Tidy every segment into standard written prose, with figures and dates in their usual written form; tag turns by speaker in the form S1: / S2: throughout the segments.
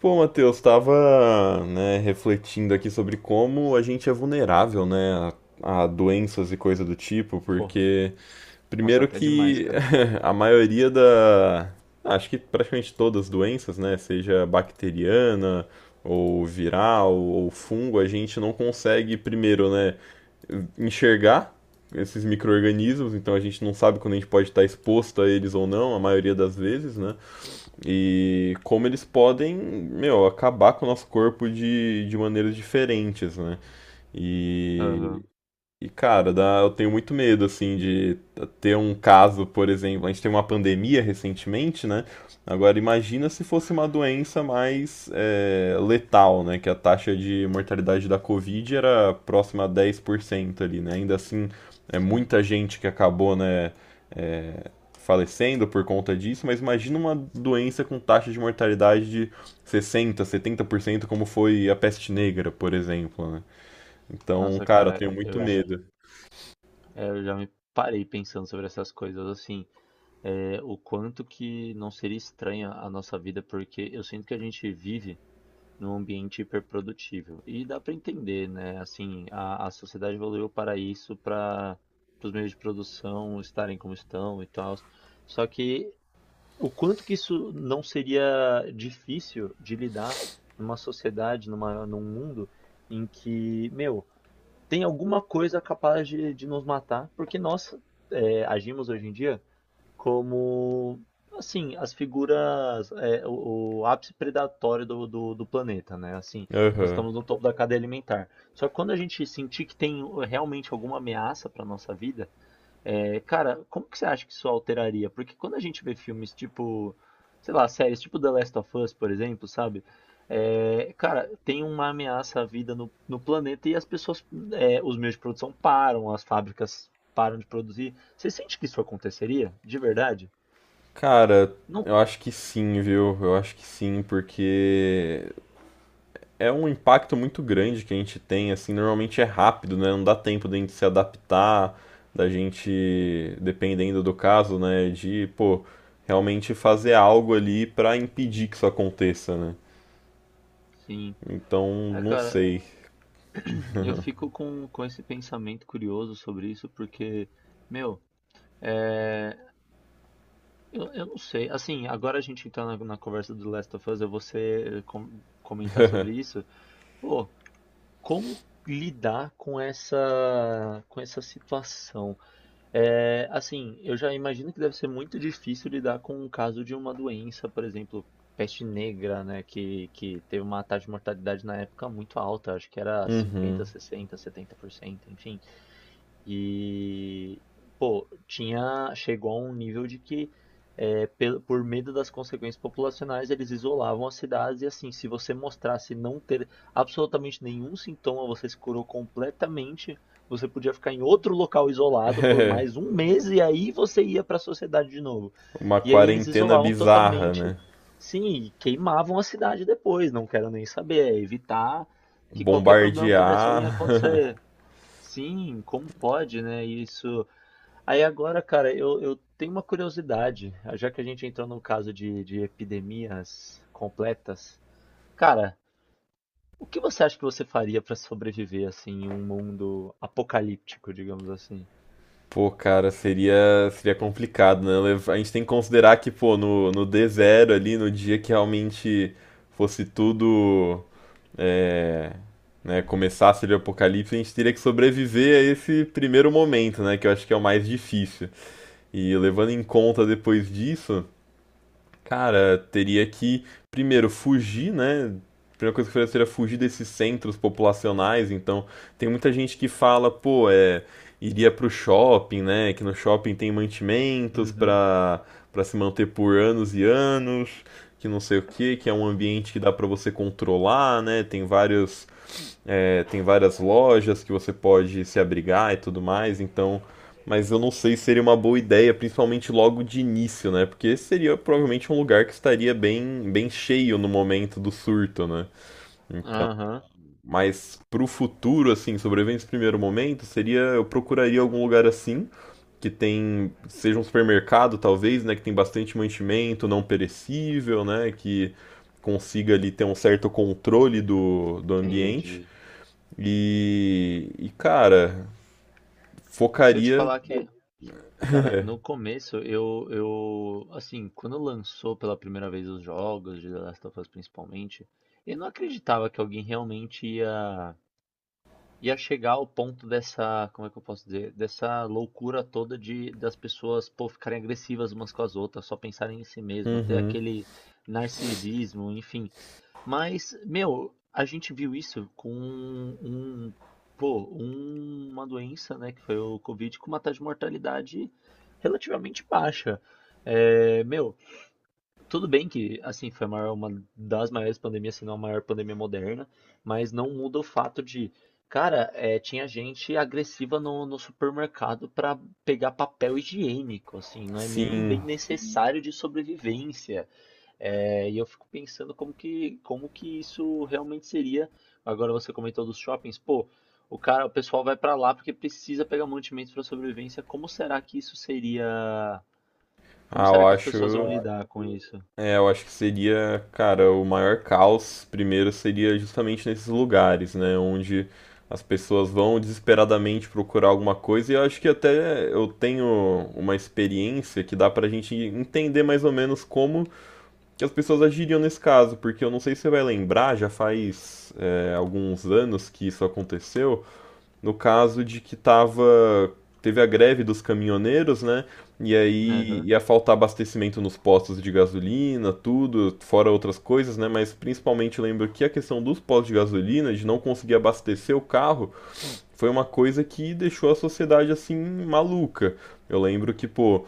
S1: Pô, Matheus, estava, né, refletindo aqui sobre como a gente é vulnerável, né, a doenças e coisa do tipo,
S2: Pô,
S1: porque
S2: nossa,
S1: primeiro
S2: até demais,
S1: que
S2: cara.
S1: a maioria da, acho que praticamente todas as doenças, né, seja bacteriana ou viral ou fungo, a gente não consegue primeiro, né, enxergar esses micro-organismos, então a gente não sabe quando a gente pode estar exposto a eles ou não, a maioria das vezes, né? E como eles podem, meu, acabar com o nosso corpo de maneiras diferentes, né? E
S2: Aham,
S1: e, eu tenho muito medo, assim, de ter um caso, por exemplo, a gente teve uma pandemia recentemente, né? Agora, imagina se fosse uma doença mais letal, né? Que a taxa de mortalidade da Covid era próxima a 10% ali, né? Ainda assim, é
S2: sim.
S1: muita gente que acabou, né, é, falecendo por conta disso, mas imagina uma doença com taxa de mortalidade de 60, 70%, como foi a peste negra, por exemplo, né? Então,
S2: Nossa,
S1: cara, eu
S2: cara,
S1: tenho
S2: eu,
S1: muito
S2: j-
S1: medo.
S2: é, eu já me parei pensando sobre essas coisas, assim, o quanto que não seria estranha a nossa vida, porque eu sinto que a gente vive num ambiente hiperprodutível. E dá pra entender, né? Assim, a sociedade evoluiu para isso, para os meios de produção estarem como estão e tal. Só que o quanto que isso não seria difícil de lidar numa sociedade, num mundo em que, meu, tem alguma coisa capaz de nos matar, porque nós agimos hoje em dia como, assim, as figuras, o ápice predatório do planeta, né? Assim, nós
S1: Aham.
S2: estamos no topo da cadeia alimentar. Só que quando a gente sentir que tem realmente alguma ameaça para nossa vida, é, cara, como que você acha que isso alteraria? Porque quando a gente vê filmes tipo, sei lá, séries tipo The Last of Us, por exemplo, sabe? É, cara, tem uma ameaça à vida no, no planeta e as pessoas, é, os meios de produção param, as fábricas param de produzir. Você sente que isso aconteceria? De verdade?
S1: Cara,
S2: Não.
S1: eu acho que sim, viu? Eu acho que sim, porque é um impacto muito grande que a gente tem, assim, normalmente é rápido, né? Não dá tempo da gente se adaptar, da gente, dependendo do caso, né, de, pô, realmente fazer algo ali pra impedir que isso aconteça, né?
S2: Sim.
S1: Então,
S2: É,
S1: não
S2: cara,
S1: sei.
S2: eu fico com esse pensamento curioso sobre isso, porque, meu, eu não sei. Assim, agora a gente entrando na, na conversa do Last of Us, eu vou comentar sobre isso. Pô, como lidar com essa situação? É, assim, eu já imagino que deve ser muito difícil lidar com o caso de uma doença, por exemplo, peste negra, né, que teve uma taxa de mortalidade na época muito alta, acho que era cinquenta,
S1: Uhum.
S2: sessenta, setenta por cento, enfim. E, pô, tinha, chegou a um nível de que, pelo- por medo das consequências populacionais, eles isolavam as cidades e assim, se você mostrasse não ter absolutamente nenhum sintoma, você se curou completamente, você podia ficar em outro local isolado por mais um mês e aí você ia para a sociedade de novo.
S1: Uma
S2: E aí eles
S1: quarentena
S2: isolavam
S1: bizarra,
S2: totalmente,
S1: né?
S2: sim, e queimavam a cidade depois, não quero nem saber, é evitar que qualquer problema pudesse vir a
S1: Bombardear.
S2: acontecer. Sim, como pode, né? Isso. Aí agora, cara, eu tenho uma curiosidade, já que a gente entrou no caso de epidemias completas. Cara, o que você acha que você faria para sobreviver assim em um mundo apocalíptico, digamos assim?
S1: Pô, cara, seria, seria complicado, né? A gente tem que considerar que, pô, no D0 ali, no dia que realmente fosse tudo, é, né, começasse ali o apocalipse, a gente teria que sobreviver a esse primeiro momento, né? Que eu acho que é o mais difícil. E levando em conta depois disso. Cara, teria que primeiro fugir, né? A primeira coisa que eu faria seria fugir desses centros populacionais. Então, tem muita gente que fala, pô, iria pro shopping, né? Que no shopping tem mantimentos
S2: Uhum.
S1: pra se manter por anos e anos, que não sei o que, que é um ambiente que dá pra você controlar, né? Tem vários tem várias lojas que você pode se abrigar e tudo mais, então. Mas eu não sei se seria uma boa ideia, principalmente logo de início, né? Porque esse seria provavelmente um lugar que estaria bem, bem cheio no momento do surto, né?
S2: Aham,
S1: Mas pro futuro, assim, sobrevivendo esse primeiro momento, seria. Eu procuraria algum lugar assim, que tem. Seja um supermercado, talvez, né? Que tem bastante mantimento não perecível, né? Que consiga ali ter um certo controle do ambiente
S2: entendi.
S1: e cara,
S2: Se eu te
S1: focaria.
S2: falar que, cara, no começo assim, quando lançou pela primeira vez os jogos de The Last of Us principalmente, eu não acreditava que alguém realmente ia. Ia chegar ao ponto dessa, como é que eu posso dizer, dessa loucura toda de das pessoas, pô, ficarem agressivas umas com as outras, só pensarem em si mesma, ter
S1: Uhum.
S2: aquele narcisismo, enfim. Mas, meu, a gente viu isso com um, uma doença, né, que foi o Covid, com uma taxa de mortalidade relativamente baixa. É, meu, tudo bem que assim foi a uma das maiores pandemias, se não a maior pandemia moderna, mas não muda o fato de, cara, é, tinha gente agressiva no, no supermercado para pegar papel higiênico, assim, não é nenhum
S1: Sim.
S2: bem necessário de sobrevivência. É, e eu fico pensando como que isso realmente seria. Agora você comentou dos shoppings, pô, o cara, o pessoal vai para lá porque precisa pegar mantimentos para sobrevivência. Como será que isso seria? Como
S1: Ah, eu
S2: será que as pessoas vão
S1: acho.
S2: lidar com isso?
S1: É, eu acho que seria, cara, o maior caos primeiro seria justamente nesses lugares, né? Onde as pessoas vão desesperadamente procurar alguma coisa. E eu acho que até eu tenho uma experiência que dá pra gente entender mais ou menos como que as pessoas agiriam nesse caso. Porque eu não sei se você vai lembrar, já faz, alguns anos que isso aconteceu. No caso de que tava, Teve a greve dos caminhoneiros, né? E aí
S2: Aham.
S1: ia faltar abastecimento nos postos de gasolina, tudo, fora outras coisas, né? Mas principalmente lembro que a questão dos postos de gasolina, de não conseguir abastecer o carro, foi uma coisa que deixou a sociedade assim maluca. Eu lembro que, pô,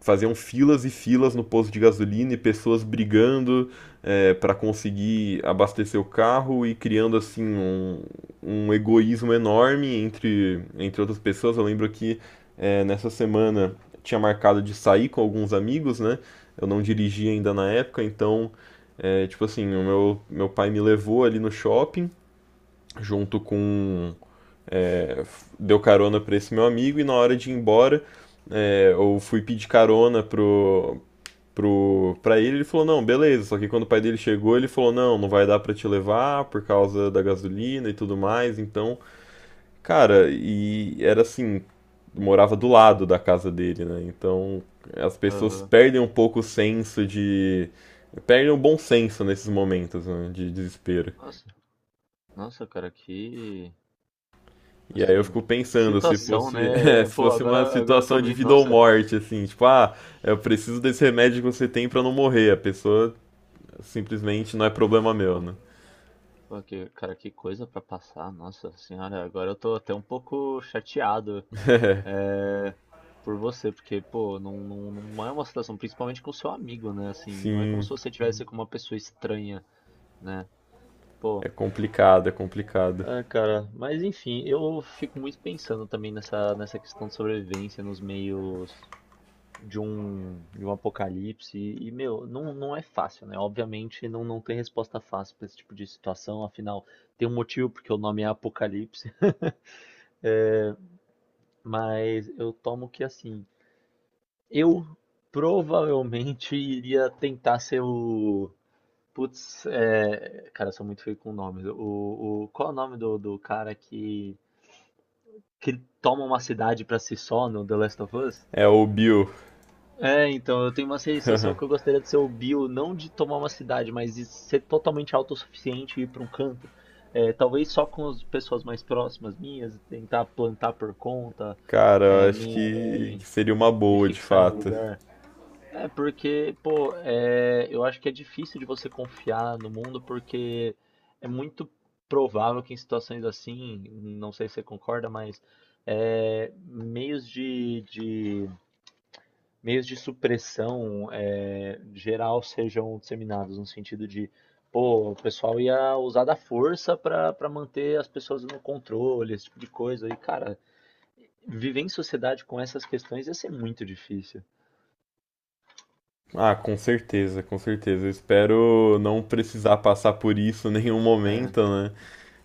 S1: faziam filas e filas no posto de gasolina e pessoas brigando para conseguir abastecer o carro e criando assim um egoísmo enorme entre, entre outras pessoas. Eu lembro que nessa semana tinha marcado de sair com alguns amigos, né? Eu não dirigia ainda na época, então tipo assim, meu pai me levou ali no shopping junto com deu carona para esse meu amigo e na hora de ir embora eu fui pedir carona pra ele, ele falou, não, beleza. Só que quando o pai dele chegou, ele falou, não, não vai dar pra te levar por causa da gasolina e tudo mais. Então, cara, e era assim, morava do lado da casa dele, né? Então, as pessoas
S2: Aham.
S1: perdem um pouco o senso de... Perdem o bom senso nesses momentos, né, de desespero.
S2: Nossa, nossa, cara, que
S1: E aí eu
S2: assim,
S1: fico pensando, se
S2: situação,
S1: fosse,
S2: né? É,
S1: se
S2: pô,
S1: fosse uma
S2: agora, agora eu tô
S1: situação de
S2: ouvindo,
S1: vida ou
S2: nossa,
S1: morte, assim, tipo, ah, eu preciso desse remédio que você tem pra não morrer. A pessoa simplesmente não é problema meu,
S2: pô,
S1: né?
S2: cara, que coisa pra passar, nossa senhora, agora eu tô até um pouco chateado,
S1: É,
S2: é, por você, porque, pô, não, não, não é uma situação, principalmente com seu amigo, né? Assim, não é como
S1: sim,
S2: se você tivesse com uma pessoa estranha, né? Pô,
S1: é complicado, é complicado.
S2: é, cara, mas enfim, eu fico muito pensando também nessa, nessa questão de sobrevivência nos meios de um apocalipse. Meu, não, não é fácil, né? Obviamente não, não tem resposta fácil para esse tipo de situação, afinal, tem um motivo porque o nome é Apocalipse, mas eu tomo que assim, eu provavelmente iria tentar ser o. Putz, é... cara, eu sou muito feio com nomes. Qual é o nome do, do cara que toma uma cidade para si só no The Last of Us?
S1: É o Bill,
S2: É, então, eu tenho uma sensação que eu gostaria de ser o Bill, não de tomar uma cidade, mas de ser totalmente autossuficiente e ir para um canto. É, talvez só com as pessoas mais próximas minhas, tentar plantar por conta,
S1: cara, eu
S2: é,
S1: acho que seria uma
S2: me
S1: boa de
S2: fixar em um
S1: fato.
S2: lugar. É, porque, pô, é, eu acho que é difícil de você confiar no mundo, porque é muito provável que em situações assim, não sei se você concorda, mas é, meios de meios de supressão é, geral sejam disseminados, no sentido de, pô, o pessoal ia usar da força para manter as pessoas no controle, esse tipo de coisa. E, cara, viver em sociedade com essas questões ia ser muito difícil.
S1: Ah, com certeza, com certeza. Eu espero não precisar passar por isso em nenhum
S2: É,
S1: momento, né?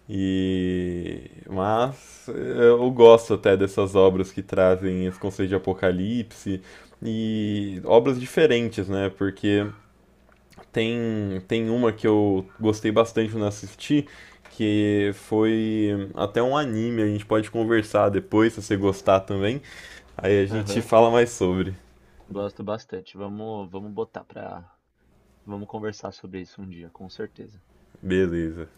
S1: E mas eu gosto até dessas obras que trazem esse conceito de apocalipse e obras diferentes, né? Porque tem, tem uma que eu gostei bastante quando assisti, que foi até um anime, a gente pode conversar depois se você gostar também. Aí a gente
S2: aham,
S1: fala mais sobre.
S2: gosto bastante. Vamos, vamos botar pra. Vamos conversar sobre isso um dia, com certeza.
S1: Beleza.